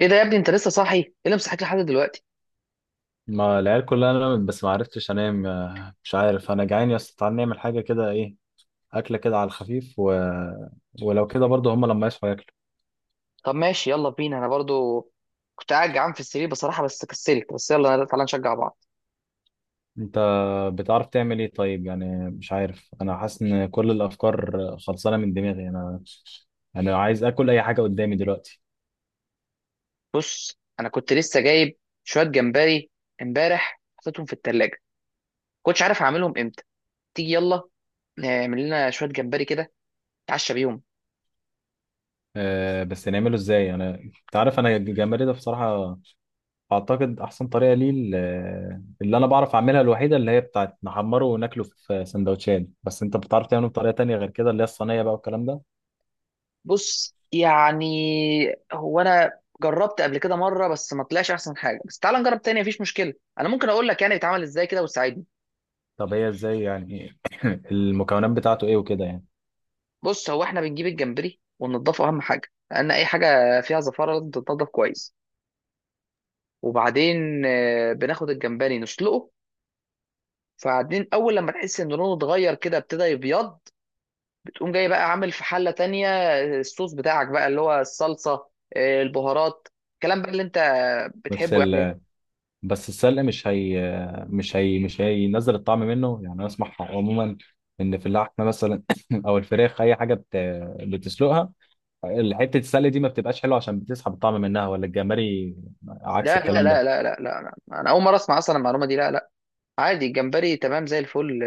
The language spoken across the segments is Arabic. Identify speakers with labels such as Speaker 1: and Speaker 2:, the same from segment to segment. Speaker 1: ايه ده يا ابني؟ انت لسه صاحي؟ ايه اللي مصحيك لحد دلوقتي؟
Speaker 2: ما العيال كلها نامت بس ما عرفتش انام مش عارف. انا جعان يا اسطى، تعال نعمل حاجه كده. ايه اكله كده على الخفيف. ولو كده برضه هما لما يصحوا ياكلوا.
Speaker 1: طب ماشي، يلا بينا. انا برضو كنت قاعد جعان في السرير بصراحه بس كسلت، بس يلا تعالى نشجع بعض.
Speaker 2: انت بتعرف تعمل ايه طيب؟ يعني مش عارف، انا حاسس ان كل الافكار خلصانه من دماغي. انا انا عايز اكل اي حاجه قدامي دلوقتي.
Speaker 1: بص انا كنت لسه جايب شويه جمبري امبارح، حطيتهم في التلاجة، كنتش عارف اعملهم امتى. تيجي يلا نعمل لنا شويه جمبري كده، نتعشى بيهم.
Speaker 2: أه، بس نعمله ازاي؟ انت عارف، انا الجمبري ده بصراحه اعتقد احسن طريقه ليه اللي انا بعرف اعملها الوحيده اللي هي بتاعت نحمره وناكله في سندوتشات. بس انت بتعرف تعمله بطريقه تانية غير كده، اللي هي الصينيه بقى والكلام ده؟
Speaker 1: بص يعني، هو انا جربت قبل كده مره بس ما طلعش احسن حاجه، بس تعالى نجرب تاني، مفيش مشكله. انا ممكن اقول لك يعني بيتعمل ازاي كده وتساعدني.
Speaker 2: طب هي ازاي يعني؟ المكونات بتاعته ايه وكده يعني؟
Speaker 1: بص، هو احنا بنجيب الجمبري وننضفه، اهم حاجه، لان اي حاجه فيها زفاره لازم تتنضف كويس. وبعدين بناخد الجمبري نسلقه. فبعدين اول لما تحس ان لونه اتغير كده، ابتدى يبيض، بتقوم جاي بقى عامل في حله تانية، الصوص بتاعك بقى اللي هو الصلصه، البهارات، الكلام بقى اللي انت
Speaker 2: بس
Speaker 1: بتحبه يعني.
Speaker 2: ال... بس السلق، مش هي مش هينزل الطعم منه يعني؟ انا اسمع عموما ان في اللحمه مثلا او الفراخ، اي حاجه بتسلقها، حته السلق دي ما بتبقاش حلوه عشان بتسحب الطعم منها. ولا الجمبري عكس
Speaker 1: لا لا
Speaker 2: الكلام
Speaker 1: لا
Speaker 2: ده؟
Speaker 1: لا لا لا لا. انا اول مره اسمع اصلا المعلومه دي، لا لا. عادي، الجمبري تمام زي الفل،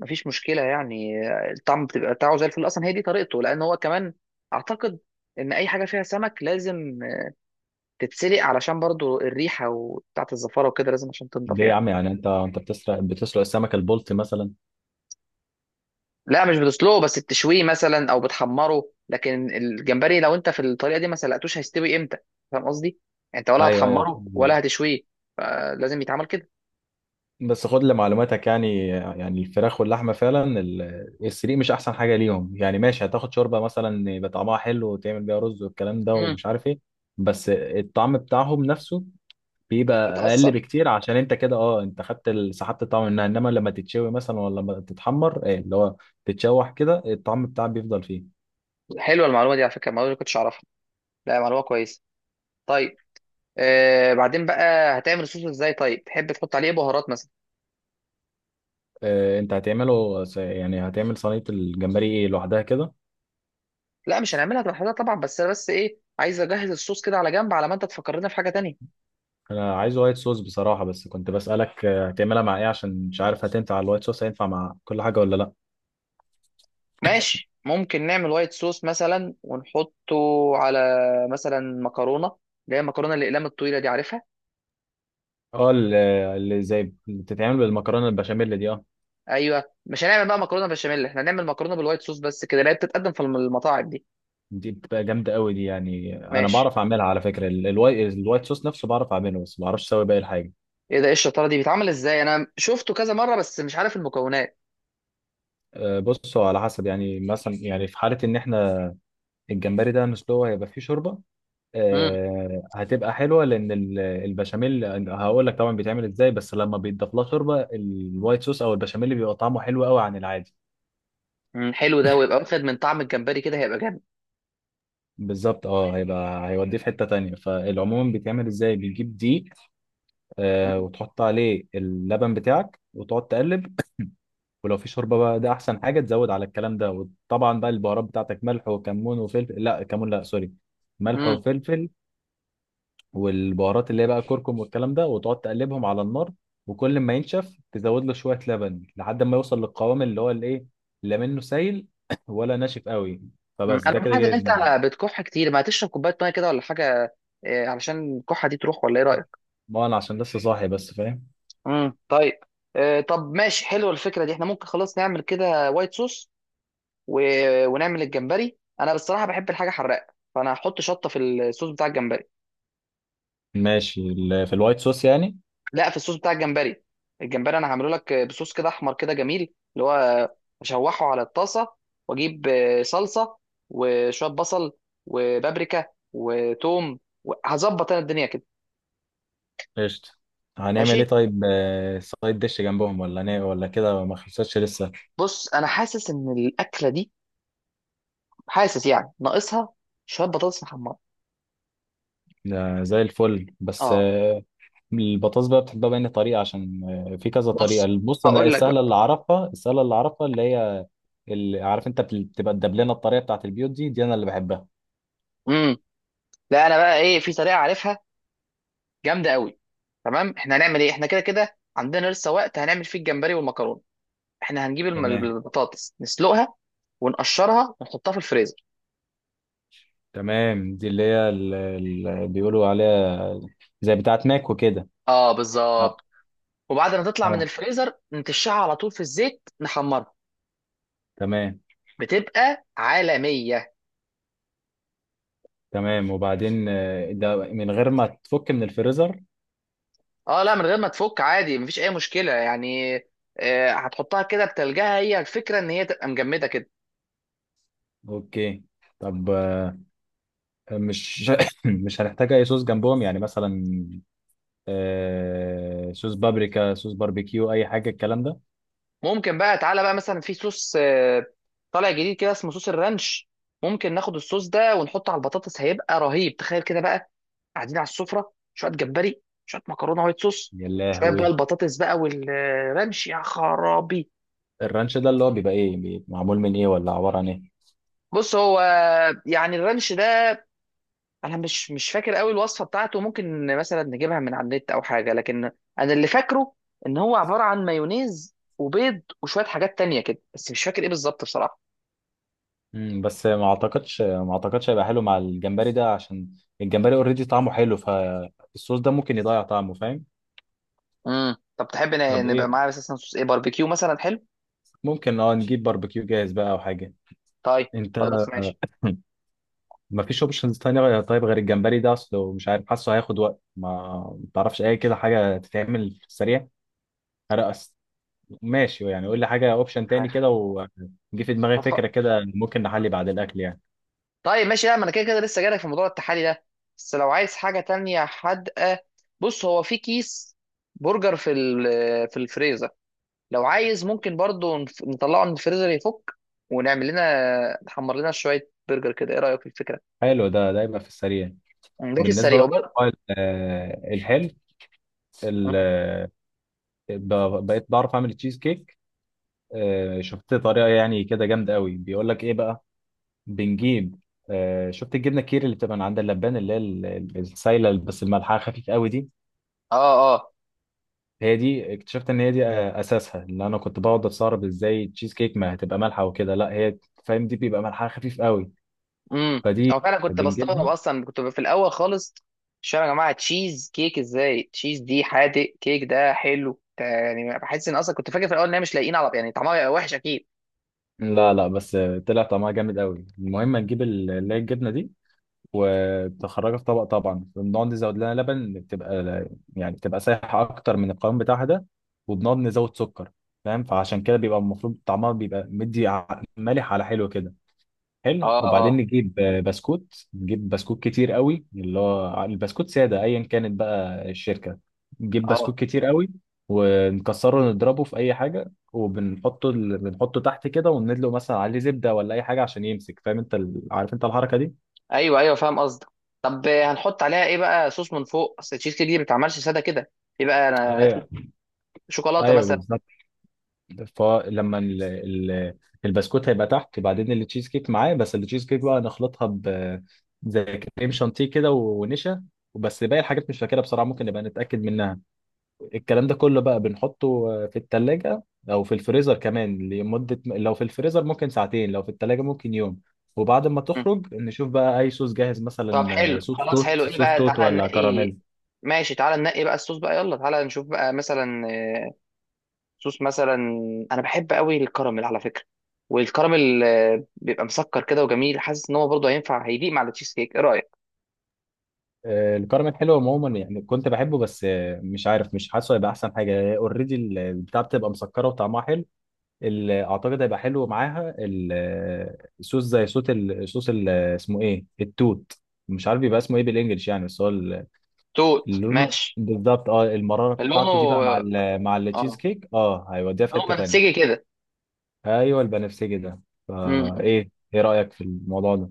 Speaker 1: مفيش مشكله يعني. الطعم بتبقى بتاعه زي الفل اصلا، هي دي طريقته. لان هو كمان اعتقد ان اي حاجه فيها سمك لازم تتسلق، علشان برضو الريحه وبتاعه الزفاره وكده لازم عشان تنضف
Speaker 2: ليه يا
Speaker 1: يعني.
Speaker 2: عم يعني؟ انت بتسرق السمكه البلطي مثلا؟
Speaker 1: لا، مش بتسلقه، بس بتشويه مثلا او بتحمره. لكن الجمبري لو انت في الطريقه دي ما سلقتوش، هيستوي امتى؟ فاهم قصدي؟ يعني انت ولا
Speaker 2: ايوه ايوه
Speaker 1: هتحمره ولا هتشويه، فلازم يتعمل كده.
Speaker 2: بس خد لمعلوماتك يعني، الفراخ واللحمه فعلا السريق مش احسن حاجه ليهم يعني. ماشي، هتاخد شوربه مثلا يبقى طعمها حلو وتعمل بيها رز والكلام ده
Speaker 1: امم
Speaker 2: ومش عارف ايه. بس الطعم بتاعهم نفسه بيبقى اقل
Speaker 1: بتأثر.
Speaker 2: بكتير، عشان انت كده انت خدت سحبت الطعم منها. انما لما تتشوي مثلا ولا لما تتحمر، ايه اللي هو تتشوح كده، الطعم بتاعك بيفضل فيه.
Speaker 1: حلوه المعلومه دي على فكره، المعلومه دي ما كنتش اعرفها. لا، معلومه كويسه. طيب، بعدين بقى هتعمل الصوص ازاي؟ طيب تحب تحط عليه إيه، بهارات مثلا؟
Speaker 2: اه، انت هتعمله يعني هتعمل صينيه الجمبري ايه لوحدها كده؟
Speaker 1: لا مش هنعملها لوحدها طبعا، بس انا بس ايه، عايز اجهز الصوص كده على جنب، على ما انت تفكرنا في حاجه تانية.
Speaker 2: انا عايز وايت صوص بصراحه، بس كنت بسالك هتعملها مع ايه؟ عشان مش عارف هتنفع على الوايت صوص، هينفع مع كل حاجه ولا لا؟
Speaker 1: ماشي، ممكن نعمل وايت صوص مثلا ونحطه على مثلا مكرونه، اللي هي المكرونه الاقلام الطويله دي، عارفها؟
Speaker 2: اه اللي زي اللي بتتعمل بالمكرونه البشاميل دي، اه.
Speaker 1: ايوه، مش هنعمل بقى مكرونه بشاميل، احنا هنعمل مكرونه بالوايت صوص بس كده، اللي هي بتتقدم في المطاعم دي.
Speaker 2: دي بتبقى جامده قوي دي يعني. انا
Speaker 1: ماشي.
Speaker 2: بعرف اعملها على فكره، الوايت صوص نفسه بعرف اعمله، بس ما بعرفش اسوي باقي الحاجه.
Speaker 1: ايه ده؟ ايه الشطاره دي؟ بيتعمل ازاي؟ انا شفته كذا مره بس مش عارف المكونات.
Speaker 2: بصوا، على حسب يعني. مثلا يعني في حاله ان احنا الجمبري ده نسلوه هيبقى فيه شوربه.
Speaker 1: امم
Speaker 2: هتبقى حلوه لان البشاميل، هقول لك طبعا بيتعمل ازاي. بس لما بيتضاف لها شوربه الوايت صوص او البشاميل بيبقى طعمه حلو قوي عن العادي.
Speaker 1: حلو ده، ويبقى واخد من طعم الجمبري كده، هيبقى جامد.
Speaker 2: بالظبط هيبقى، هيوديه في حته تانية. فالعموم بيتعمل ازاي؟ بتجيب دي وتحط عليه اللبن بتاعك وتقعد تقلب. ولو في شوربه بقى ده احسن حاجه تزود على الكلام ده. وطبعا بقى البهارات بتاعتك ملح وكمون وفلفل، لا كمون، لا سوري، ملح
Speaker 1: مم.
Speaker 2: وفلفل. والبهارات اللي هي بقى كركم والكلام ده. وتقعد تقلبهم على النار، وكل ما ينشف تزود له شوية لبن لحد ما يوصل للقوام اللي هو الايه، لا منه سايل ولا ناشف قوي. فبس، ده
Speaker 1: انا
Speaker 2: كده
Speaker 1: ملاحظ ان
Speaker 2: جاهز
Speaker 1: انت
Speaker 2: معاك.
Speaker 1: بتكح كتير، ما تشرب كوبايه ميه كده ولا حاجه؟ علشان الكحه دي تروح، ولا ايه رايك؟
Speaker 2: ما انا عشان لسه صاحي بس، فاهم.
Speaker 1: طيب. طب ماشي، حلوه الفكره دي، احنا ممكن خلاص نعمل كده وايت صوص، و... ونعمل الجمبري. انا بصراحه بحب الحاجه حراقه، فانا هحط شطه في الصوص بتاع الجمبري.
Speaker 2: ماشي في الوايت صوص يعني.
Speaker 1: لا، في الصوص بتاع الجمبري. الجمبري انا هعمله لك بصوص كده احمر كده جميل، اللي هو اشوحه على الطاسه، واجيب صلصه وشويه بصل وبابريكا وتوم، وهظبط انا الدنيا كده.
Speaker 2: قشطة. هنعمل ايه
Speaker 1: ماشي.
Speaker 2: طيب، سايد ديش جنبهم ولا هنعمل، ولا كده ما خلصتش لسه؟
Speaker 1: بص انا حاسس ان الاكله دي، حاسس يعني ناقصها شويه بطاطس محمره.
Speaker 2: ده زي الفل بس
Speaker 1: اه.
Speaker 2: آه، البطاطس بقى بتحبها بأي طريقة؟ عشان في كذا طريقة.
Speaker 1: بص
Speaker 2: بص أنا
Speaker 1: هقول لك
Speaker 2: السهلة
Speaker 1: بقى.
Speaker 2: اللي أعرفها، اللي هي اللي عارف أنت بتبقى الدبلانة، الطريقة بتاعت البيوت دي، دي أنا اللي بحبها.
Speaker 1: امم لا، انا بقى ايه، في طريقه عارفها جامده قوي. تمام، احنا هنعمل ايه، احنا كده كده عندنا لسه وقت هنعمل فيه الجمبري والمكرونه. احنا هنجيب
Speaker 2: تمام.
Speaker 1: البطاطس نسلقها، ونقشرها ونحطها في الفريزر.
Speaker 2: تمام دي اللي هي اللي بيقولوا عليها زي بتاعت ماك وكده.
Speaker 1: اه
Speaker 2: اه.
Speaker 1: بالظبط. وبعد ما تطلع من
Speaker 2: آه،
Speaker 1: الفريزر نتشعها على طول في الزيت نحمرها،
Speaker 2: تمام،
Speaker 1: بتبقى عالميه.
Speaker 2: تمام. وبعدين، ده من غير ما تفك من الفريزر؟
Speaker 1: اه لا، من غير ما تفك عادي، مفيش اي مشكله يعني. هتحطها كده بتلجها، هي الفكره ان هي تبقى مجمده كده.
Speaker 2: اوكي. طب مش مش هنحتاج اي صوص جنبهم يعني؟ مثلا صوص بابريكا، صوص باربيكيو، اي حاجه الكلام ده.
Speaker 1: ممكن بقى، تعالى بقى مثلا، في صوص طالع جديد كده اسمه صوص الرانش. ممكن ناخد الصوص ده ونحطه على البطاطس، هيبقى رهيب. تخيل كده بقى، قاعدين على السفره، شويه جمبري، شويه مكرونه وايت صوص،
Speaker 2: يا
Speaker 1: شويه بقى
Speaker 2: لهوي!
Speaker 1: البطاطس بقى والرانش، يا خرابي.
Speaker 2: الرانش ده اللي هو بيبقى ايه؟ بيبقى معمول من ايه، ولا عبارة عن ايه؟
Speaker 1: بص هو يعني الرانش ده، انا مش فاكر قوي الوصفه بتاعته، ممكن مثلا نجيبها من على النت او حاجه، لكن انا اللي فاكره ان هو عباره عن مايونيز وبيض وشويه حاجات تانية كده، بس مش فاكر ايه بالظبط بصراحه.
Speaker 2: بس ما اعتقدش هيبقى حلو مع الجمبري ده، عشان الجمبري اوريدي طعمه حلو، فالصوص ده ممكن يضيع طعمه، فاهم؟
Speaker 1: طب تحب
Speaker 2: طب
Speaker 1: نبقى
Speaker 2: ايه؟
Speaker 1: معاه اساسا صوص ايه، باربيكيو مثلا حلو؟
Speaker 2: ممكن نجيب باربيكيو جاهز بقى او حاجة.
Speaker 1: طيب،
Speaker 2: انت.
Speaker 1: خلاص ماشي.
Speaker 2: ما فيش اوبشنز تانية طيب، غير الجمبري ده اصله مش عارف، حاسه هياخد وقت، ما تعرفش اي كده حاجة تتعمل في السريع؟ هرقص. ماشي يعني، قول لي حاجة اوبشن تاني
Speaker 1: عارف.
Speaker 2: كده. وجي في دماغي
Speaker 1: هف-
Speaker 2: فكرة كده، ممكن نحلي بعد الاكل يعني.
Speaker 1: طيب ماشي. لا، ما انا كده كده لسه جايلك في موضوع التحالي ده، بس لو عايز حاجه تانية حادقه، بص هو في كيس برجر في الفريزر، لو عايز ممكن برضو نطلعه من الفريزر يفك، ونعمل لنا نحمر لنا شويه برجر كده. ايه رايك في الفكره؟
Speaker 2: حلو ده، ده يبقى في السريع.
Speaker 1: ده في
Speaker 2: بالنسبه
Speaker 1: السريع
Speaker 2: بقى للموبايل، الحلو، ال-
Speaker 1: مم.
Speaker 2: آه، بقيت بعرف اعمل تشيز كيك. شفت طريقه يعني كده جامده قوي، بيقول لك ايه بقى، بنجيب، شفت الجبنه الكيري اللي بتبقى من عند اللبان اللي هي السايله بس الملحها خفيف قوي دي؟
Speaker 1: اه اه.
Speaker 2: هي دي. اكتشفت ان هي دي اساسها، اللي انا كنت بقعد استغرب ازاي التشيز كيك ما هتبقى مالحه وكده. لا هي، فاهم، دي بيبقى ملحها خفيف قوي،
Speaker 1: امم
Speaker 2: فدي
Speaker 1: او فعلا كنت بستغرب
Speaker 2: بنجيبها.
Speaker 1: اصلا، كنت في الاول خالص مش فاهم يا جماعه، تشيز كيك ازاي؟ تشيز دي حادق، كيك ده حلو، ده يعني بحس ان اصلا، كنت فاكر في الاول ان هي مش لاقيين على، يعني طعمها هيبقى وحش اكيد.
Speaker 2: لا لا، بس طلع طعمها جامد قوي. المهم نجيب اللي هي الجبنه دي، وبتخرجها في طبق، طبعا بنقعد نزود لها لبن، بتبقى يعني بتبقى سايحه اكتر من القوام بتاعها ده، وبنقعد نزود سكر، فاهم؟ فعشان كده بيبقى المفروض طعمها بيبقى مدي مالح على حلو كده،
Speaker 1: اه
Speaker 2: حلو. وبعدين
Speaker 1: اه
Speaker 2: نجيب بسكوت نجيب بسكوت كتير قوي، اللي هو البسكوت ساده، ايا كانت بقى الشركه. نجيب
Speaker 1: اه.
Speaker 2: بسكوت كتير قوي ونكسره نضربه في اي حاجه وبنحطه، بنحطه تحت كده، وندلق مثلا عليه زبده ولا اي حاجه عشان يمسك. فاهم انت عارف انت الحركه دي؟
Speaker 1: ايوه ايوه، فاهم قصدك. طب هنحط عليها ايه بقى؟ صوص من فوق، اصل التشيز كيك دي ما بتتعملش ساده كده. في بقى، انا في
Speaker 2: ايوه
Speaker 1: شوكولاته
Speaker 2: ايوه،
Speaker 1: مثلا.
Speaker 2: بالظبط. فلما البسكوت هيبقى تحت، بعدين التشيز كيك معاه. بس التشيز كيك بقى نخلطها ب زي كريم شانتيه كده، ونشا. وبس. باقي الحاجات مش فاكرها بصراحه، ممكن نبقى نتاكد منها. الكلام ده كله بقى بنحطه في الثلاجه او في الفريزر كمان لمده، لو في الفريزر ممكن ساعتين، لو في الثلاجه ممكن يوم. وبعد ما تخرج نشوف بقى اي صوص جاهز
Speaker 1: طب
Speaker 2: مثلا،
Speaker 1: حلو
Speaker 2: صوص
Speaker 1: خلاص.
Speaker 2: توت،
Speaker 1: حلو ايه
Speaker 2: صوص
Speaker 1: بقى؟
Speaker 2: توت
Speaker 1: تعالى
Speaker 2: ولا
Speaker 1: ننقي.
Speaker 2: كراميل.
Speaker 1: ماشي، تعالى ننقي بقى الصوص بقى، يلا تعالى نشوف بقى مثلا صوص مثلا. انا بحب قوي الكراميل على فكرة، والكراميل بيبقى مسكر كده وجميل، حاسس ان هو برضه هينفع، هيليق مع التشيز كيك. ايه رأيك؟
Speaker 2: الكرم الحلو عموما يعني كنت بحبه، بس مش عارف، مش حاسه هيبقى احسن حاجه. اوريدي البتاع بتبقى مسكره وطعمها حلو. اعتقد هيبقى حلو معاها، صوص زي صوت صوص اسمه ايه، التوت؟ مش عارف بيبقى اسمه ايه بالانجلش يعني، بس هو
Speaker 1: توت،
Speaker 2: اللون.
Speaker 1: ماشي.
Speaker 2: بالظبط المراره بتاعته دي
Speaker 1: لونه
Speaker 2: بقى مع مع التشيز
Speaker 1: اه
Speaker 2: كيك هيوديها في
Speaker 1: لونه
Speaker 2: حته تانيه.
Speaker 1: بنفسجي كده.
Speaker 2: ايوه البنفسجي ده. فايه
Speaker 1: امم
Speaker 2: ايه إيه رايك في الموضوع ده؟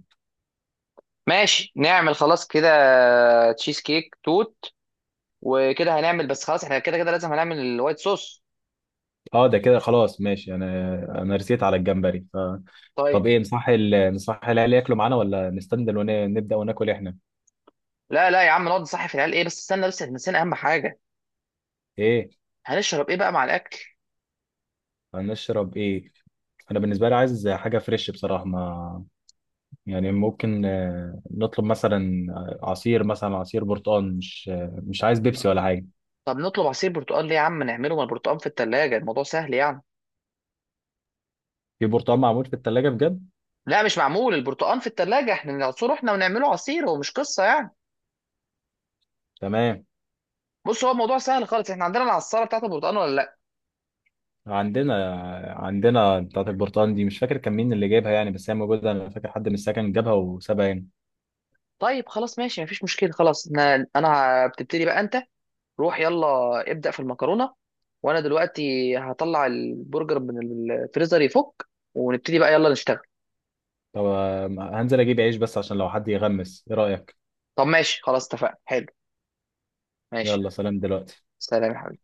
Speaker 1: ماشي، نعمل خلاص كده، تشيز كيك توت. وكده هنعمل. بس خلاص احنا كده كده لازم هنعمل الوايت صوص.
Speaker 2: اه، ده كده خلاص، ماشي. انا رسيت على الجمبري. طب
Speaker 1: طيب،
Speaker 2: ايه، نصح العيال ياكلوا معانا ولا نستنى ونبدأ وناكل احنا؟
Speaker 1: لا لا يا عم، نقعد نصحي في العيال. ايه بس، استنى بس، احنا نسينا اهم حاجة.
Speaker 2: ايه؟
Speaker 1: هنشرب ايه بقى مع الاكل؟
Speaker 2: هنشرب ايه؟ انا بالنسبه لي عايز حاجه فريش بصراحه، ما يعني ممكن نطلب مثلا عصير، مثلا عصير برتقال. مش مش عايز بيبسي ولا حاجه.
Speaker 1: طب نطلب عصير برتقال ليه يا عم؟ نعمله، ما البرتقال في التلاجة، الموضوع سهل يعني.
Speaker 2: في برتقال معمول في الثلاجه بجد؟
Speaker 1: لا، مش معمول البرتقال في التلاجة. احنا نعصره احنا ونعمله عصير، هو مش قصة يعني.
Speaker 2: تمام.
Speaker 1: بص هو الموضوع سهل خالص، احنا عندنا العصارة بتاعت البرتقال ولا لا؟
Speaker 2: عندنا. عندنا بتاعه البرتقال دي، مش فاكر كان مين اللي جايبها يعني، بس هي موجوده. انا فاكر حد من السكن جابها وسابها هنا.
Speaker 1: طيب خلاص ماشي، مفيش مشكلة. خلاص انا بتبتدي بقى انت، روح يلا ابدأ في المكرونة، وانا دلوقتي هطلع البرجر من الفريزر يفك، ونبتدي بقى يلا نشتغل.
Speaker 2: طب هنزل اجيب عيش بس عشان لو حد يغمس، ايه رأيك؟
Speaker 1: طب ماشي خلاص اتفقنا، حلو. ماشي.
Speaker 2: يلا سلام دلوقتي.
Speaker 1: سلام يا حبيبي.